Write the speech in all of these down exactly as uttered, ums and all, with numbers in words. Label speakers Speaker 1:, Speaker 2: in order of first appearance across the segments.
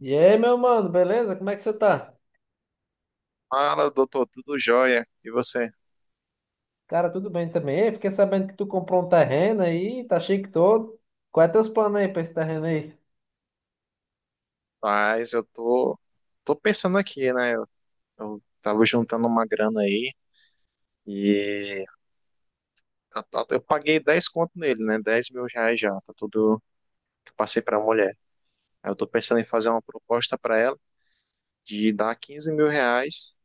Speaker 1: E aí, meu mano, beleza? Como é que você tá?
Speaker 2: Fala, doutor, tudo jóia? E você?
Speaker 1: Cara, tudo bem também. Ei, fiquei sabendo que tu comprou um terreno aí, tá chique todo. Quais é teus planos aí pra esse terreno aí?
Speaker 2: Mas eu tô, tô pensando aqui, né? Eu, eu tava juntando uma grana aí e eu, tô- eu paguei dez conto nele, né? Dez mil reais já, tá tudo que eu passei pra mulher. Aí eu tô pensando em fazer uma proposta pra ela de dar quinze mil reais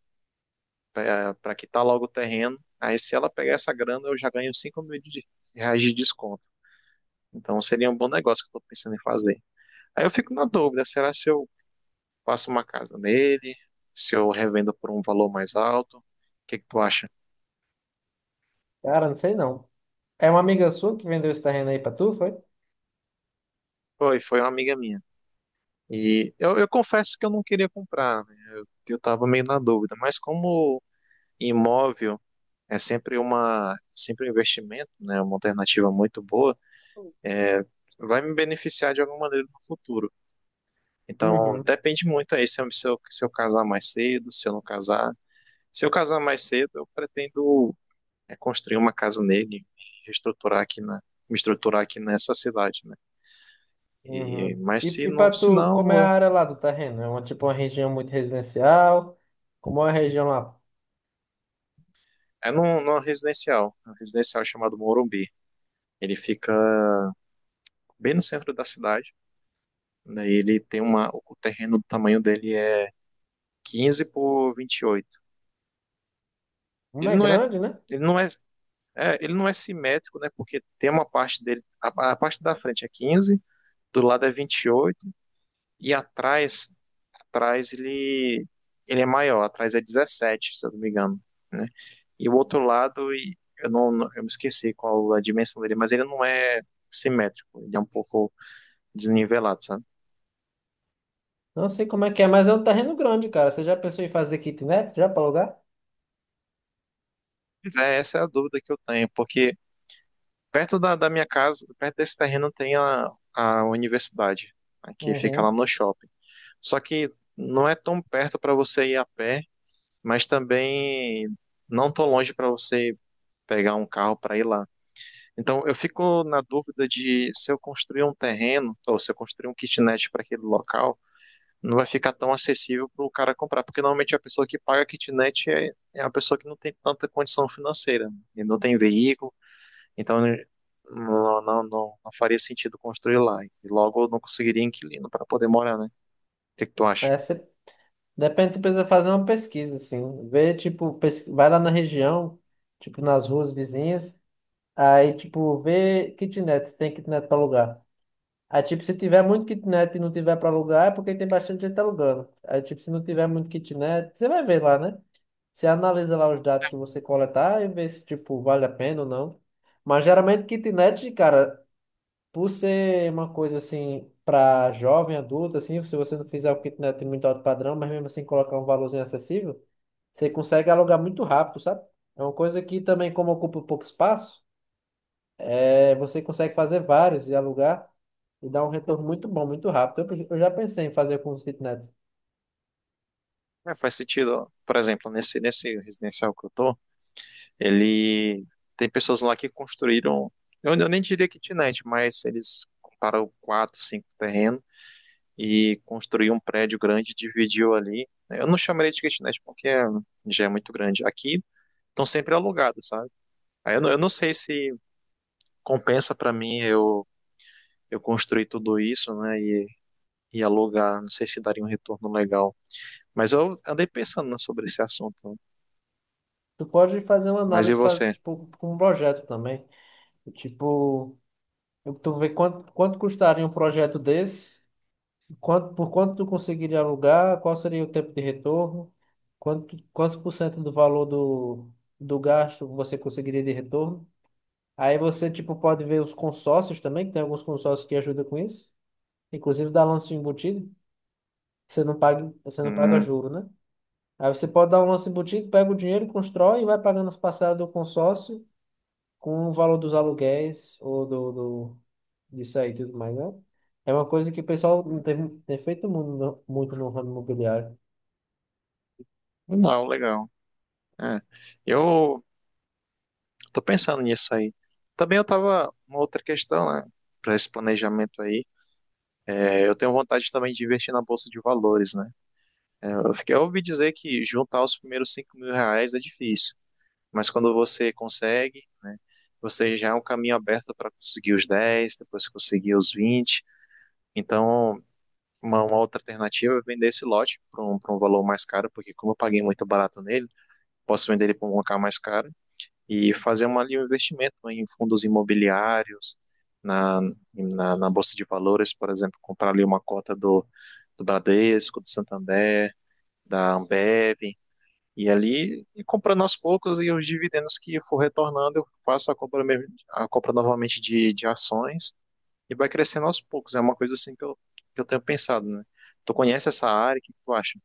Speaker 2: pra, pra quitar logo o terreno. Aí se ela pegar essa grana, eu já ganho cinco mil de, reais de desconto. Então seria um bom negócio que eu tô pensando em fazer. Aí eu fico na dúvida, será se eu faço uma casa nele, se eu revendo por um valor mais alto. O que que tu acha?
Speaker 1: Cara, não sei não. É uma amiga sua que vendeu esse terreno aí pra tu, foi?
Speaker 2: Foi, foi uma amiga minha. E eu, eu confesso que eu não queria comprar, né? Que eu tava meio na dúvida, mas como imóvel é sempre uma, sempre um investimento, né? Uma alternativa muito boa, é, vai me beneficiar de alguma maneira no futuro. Então,
Speaker 1: Uhum.
Speaker 2: depende muito aí se eu, se eu, se eu casar mais cedo, se eu não casar. Se eu casar mais cedo, eu pretendo é construir uma casa nele e reestruturar aqui na, me estruturar aqui nessa cidade, né? E,
Speaker 1: Uhum.
Speaker 2: mas
Speaker 1: E,
Speaker 2: se
Speaker 1: e
Speaker 2: não,
Speaker 1: para
Speaker 2: se
Speaker 1: tu, como
Speaker 2: não,
Speaker 1: é a
Speaker 2: eu-
Speaker 1: área lá do terreno? É uma, tipo uma região muito residencial? Como é a região lá?
Speaker 2: é num, numa residencial, um residencial chamado Morumbi. Ele fica bem no centro da cidade, né? E ele tem uma, o terreno do tamanho dele é quinze por vinte e oito.
Speaker 1: Como
Speaker 2: Ele
Speaker 1: é
Speaker 2: não é,
Speaker 1: grande, né?
Speaker 2: ele não é, é ele não é simétrico, né? Porque tem uma parte dele, a, a parte da frente é quinze, do lado é vinte e oito e atrás atrás ele, ele é maior, atrás é dezessete se eu não me engano, né? E o outro lado, e eu não, não- eu me esqueci qual a dimensão dele, mas ele não é simétrico, ele é um pouco desnivelado, sabe?
Speaker 1: Não sei como é que é, mas é um terreno grande, cara. Você já pensou em fazer kitnet já para alugar?
Speaker 2: Mas é, essa é a dúvida que eu tenho, porque perto da, da minha casa, perto desse terreno tem a, a universidade, né, que fica lá
Speaker 1: Uhum.
Speaker 2: no shopping. Só que não é tão perto para você ir a pé, mas também não tão longe para você pegar um carro para ir lá. Então, eu fico na dúvida de se eu construir um terreno ou se eu construir um kitnet para aquele local, não vai ficar tão acessível para o cara comprar, porque normalmente a pessoa que paga kitnet é, é a pessoa que não tem tanta condição financeira, né? E não tem veículo, então não, não, não, não faria sentido construir lá. E logo eu não conseguiria inquilino para poder morar, né? O que que tu acha?
Speaker 1: É, Depende, você precisa fazer uma pesquisa, assim. Ver, tipo, pes- vai lá na região, tipo, nas ruas vizinhas. Aí, tipo, vê kitnet, se tem kitnet para alugar. Aí, tipo, se tiver muito kitnet e não tiver para alugar, é porque tem bastante gente alugando. Aí, tipo, se não tiver muito kitnet, você vai ver lá, né? Você analisa lá os dados que você coletar e vê se, tipo, vale a pena ou não. Mas geralmente kitnet, cara, por ser uma coisa assim para jovem, adulto, assim, se você não fizer o que não tem muito alto padrão, mas mesmo assim colocar um valorzinho acessível, você consegue alugar muito rápido, sabe? É uma coisa que também, como ocupa um pouco espaço, é, você consegue fazer vários e alugar e dar um retorno muito bom, muito rápido. Eu, eu já pensei em fazer com os kitnets.
Speaker 2: É, faz sentido, ó. Por exemplo, nesse, nesse residencial que eu tô, ele tem pessoas lá que construíram, eu, eu nem diria kitnet, mas eles compraram quatro, cinco terrenos e construiu um prédio grande, dividiu ali. Eu não chamaria de kitnet porque é- já é muito grande. Aqui estão sempre alugados, sabe? Aí eu não, eu não sei se compensa para mim eu, eu construir tudo isso, né, e, e alugar. Não sei se daria um retorno legal. Mas eu andei pensando, né, sobre esse assunto.
Speaker 1: Tu pode fazer uma
Speaker 2: Mas e
Speaker 1: análise, faz,
Speaker 2: você?
Speaker 1: tipo, com um projeto também. Tipo, tu vê quanto, quanto custaria um projeto desse. Quanto, por quanto tu conseguiria alugar? Qual seria o tempo de retorno? Quanto, quantos por cento do valor do, do gasto você conseguiria de retorno? Aí você, tipo, pode ver os consórcios também, que tem alguns consórcios que ajudam com isso. Inclusive dá lance embutido. Você não paga, você não paga
Speaker 2: Hum,
Speaker 1: juro, né? Aí você pode dar um lance embutido, pega o dinheiro, constrói e vai pagando as parcelas do consórcio com o valor dos aluguéis ou do, do, disso aí e tudo mais, né? É uma coisa que o pessoal não tem, tem feito muito, no- muito no ramo imobiliário.
Speaker 2: não, legal. É. Eu tô pensando nisso aí. Também eu tava uma outra questão, né? Para esse planejamento aí, é, eu tenho vontade também de investir na bolsa de valores, né? É, eu fiquei, eu ouvi dizer que juntar os primeiros cinco mil reais é difícil, mas quando você consegue, né? Você já é um caminho aberto para conseguir os dez, depois conseguir os vinte. Então, uma, uma outra alternativa é vender esse lote para um, pra um valor mais caro, porque como eu paguei muito barato nele, posso vender ele para um lugar mais caro e fazer uma, ali um investimento, né, em fundos imobiliários, na, na, na Bolsa de Valores, por exemplo, comprar ali uma cota do, do Bradesco, do Santander, da Ambev, e ali e comprando aos poucos e os dividendos que for retornando, eu faço a compra, mesmo- a compra novamente de, de ações e vai crescendo aos poucos. É uma coisa assim que eu, que eu tenho pensado, né? Tu conhece essa área, o que tu acha?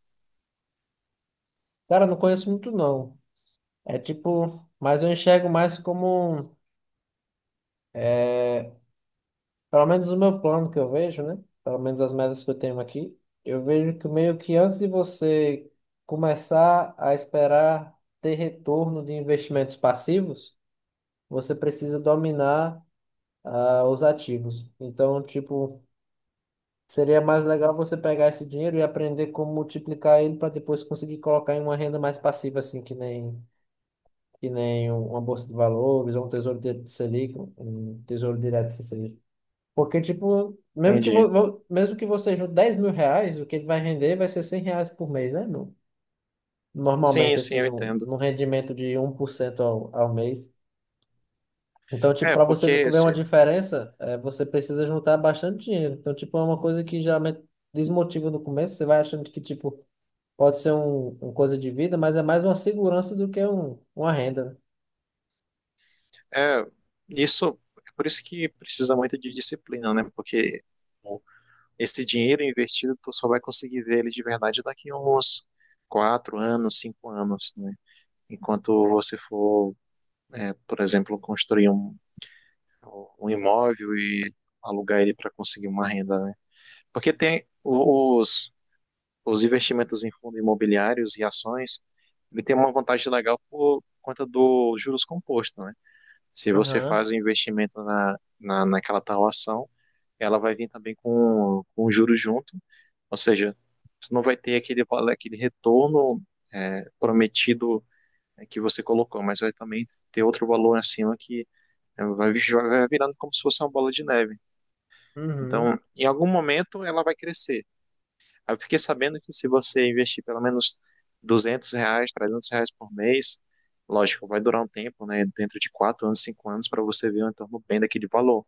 Speaker 1: Cara, não conheço muito não. É tipo, mas eu enxergo mais como, é, pelo menos o meu plano que eu vejo, né? Pelo menos as metas que eu tenho aqui. Eu vejo que meio que antes de você começar a esperar ter retorno de investimentos passivos, você precisa dominar, ah, os ativos. Então, tipo, seria mais legal você pegar esse dinheiro e aprender como multiplicar ele para depois conseguir colocar em uma renda mais passiva, assim, que nem que nem um- uma bolsa de valores, ou um tesouro de Selic, um um tesouro direto que seja. Porque, tipo, mesmo que,
Speaker 2: Entendi.
Speaker 1: vo, vo- mesmo que você junte dez mil reais, o que ele vai render vai ser cem reais por mês, né? No,
Speaker 2: Sim,
Speaker 1: normalmente,
Speaker 2: sim,
Speaker 1: assim,
Speaker 2: eu
Speaker 1: num
Speaker 2: entendo.
Speaker 1: num rendimento de um por cento ao, ao mês. Então, tipo,
Speaker 2: É,
Speaker 1: para você
Speaker 2: porque
Speaker 1: ver
Speaker 2: se,
Speaker 1: uma diferença, é, você precisa juntar bastante dinheiro. Então, tipo, é uma coisa que geralmente desmotiva no começo. Você vai achando que, tipo, pode ser um, uma coisa de vida, mas é mais uma segurança do que um, uma renda, né?
Speaker 2: É, isso é por isso que precisa muito de disciplina, né? Porque bom, esse dinheiro investido tu só vai conseguir ver ele de verdade daqui a uns quatro anos, cinco anos, né? Enquanto você for, é, por exemplo, construir um, um imóvel e alugar ele para conseguir uma renda, né? Porque tem os, os investimentos em fundos imobiliários e ações, ele tem uma vantagem legal por conta dos juros compostos, né? Se você
Speaker 1: Aham.
Speaker 2: faz o investimento na, na, naquela tal ação, ela vai vir também com, com o juro junto, ou seja, tu não vai ter aquele, vale- aquele retorno, é, prometido, é, que você colocou, mas vai também ter outro valor acima que é, vai, vi- vai virando como se fosse uma bola de neve.
Speaker 1: Uhum.
Speaker 2: Então, em algum momento ela vai crescer. Aí eu fiquei sabendo que se você investir pelo menos duzentos reais, trezentos reais por mês, lógico, vai durar um tempo, né? Dentro de quatro anos, cinco anos, para você ver um retorno bem daquele valor.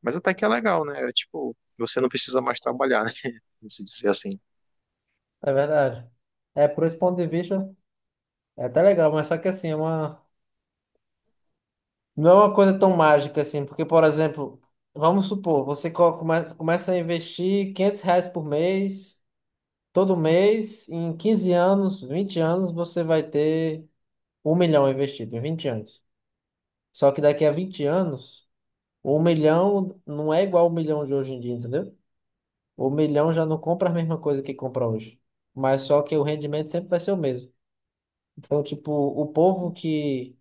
Speaker 2: Mas até que é legal, né? É tipo, você não precisa mais trabalhar, né? Como se dizer assim.
Speaker 1: É verdade. É, por esse ponto de vista, é até legal, mas só que assim, é uma... não é uma coisa tão mágica assim, porque, por exemplo, vamos supor, você co- come- começa a investir quinhentos reais por mês, todo mês, em quinze anos, vinte anos, você vai ter um milhão investido, em vinte anos. Só que daqui a vinte anos, um milhão não é igual ao milhão de hoje em dia, entendeu? O milhão já não compra a mesma coisa que compra hoje. Mas só que o rendimento sempre vai ser o mesmo. Então, tipo, o povo que...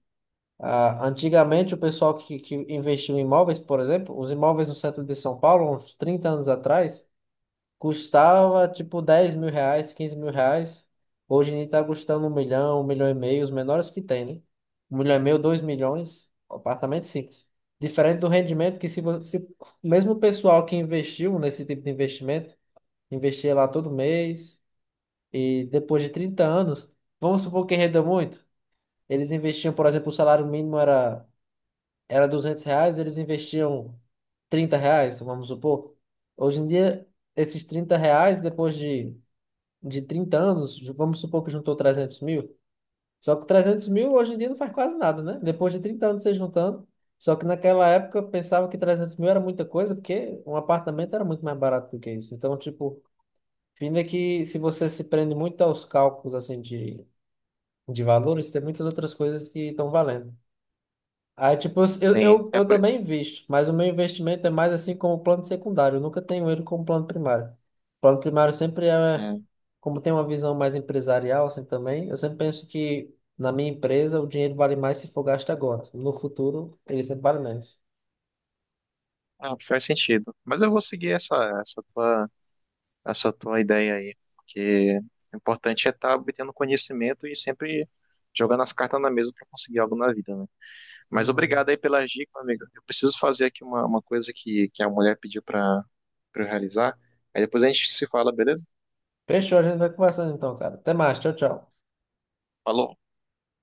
Speaker 1: Ah, antigamente, o pessoal que, que investiu em imóveis, por exemplo, os imóveis no centro de São Paulo, uns trinta anos atrás, custava tipo dez mil reais, quinze mil reais. Hoje em dia está custando um milhão, um milhão e meio, os menores que tem, né? Um milhão e meio, dois milhões, apartamento simples. Diferente do rendimento que se você, mesmo o pessoal que investiu nesse tipo de investimento, investia lá todo mês e depois de trinta anos, vamos supor que renda muito, eles investiam, por exemplo, o salário mínimo era era duzentos reais, eles investiam trinta reais, vamos supor. Hoje em dia, esses trinta reais, depois de, de trinta anos, ju- vamos supor que juntou trezentos mil. Só que trezentos mil hoje em dia não faz quase nada, né? Depois de trinta anos você juntando. Só que naquela época eu pensava que trezentos mil era muita coisa, porque um apartamento era muito mais barato do que isso. Então, tipo, fim é que se você se prende muito aos cálculos assim de, de valores, tem muitas outras coisas que estão valendo. Aí, tipo, eu,
Speaker 2: Tem,
Speaker 1: eu,
Speaker 2: é,
Speaker 1: eu
Speaker 2: por-
Speaker 1: também invisto, mas o meu investimento é mais assim como plano secundário. Eu nunca tenho ele como plano primário. Plano primário sempre é,
Speaker 2: é,
Speaker 1: como tem uma visão mais empresarial, assim também, eu sempre penso que na minha empresa o dinheiro vale mais se for gasto agora. No futuro, ele sempre vale menos.
Speaker 2: ah, faz sentido. Mas eu vou seguir essa, essa tua, essa tua ideia aí, porque o importante é estar obtendo conhecimento e sempre jogando as cartas na mesa para conseguir algo na vida, né? Mas
Speaker 1: Uhum.
Speaker 2: obrigado aí pela dica, meu amigo. Eu preciso fazer aqui uma, uma coisa que, que a mulher pediu para eu realizar. Aí depois a gente se fala, beleza?
Speaker 1: Fechou, a gente vai conversando então, cara. Até mais, tchau, tchau.
Speaker 2: Falou.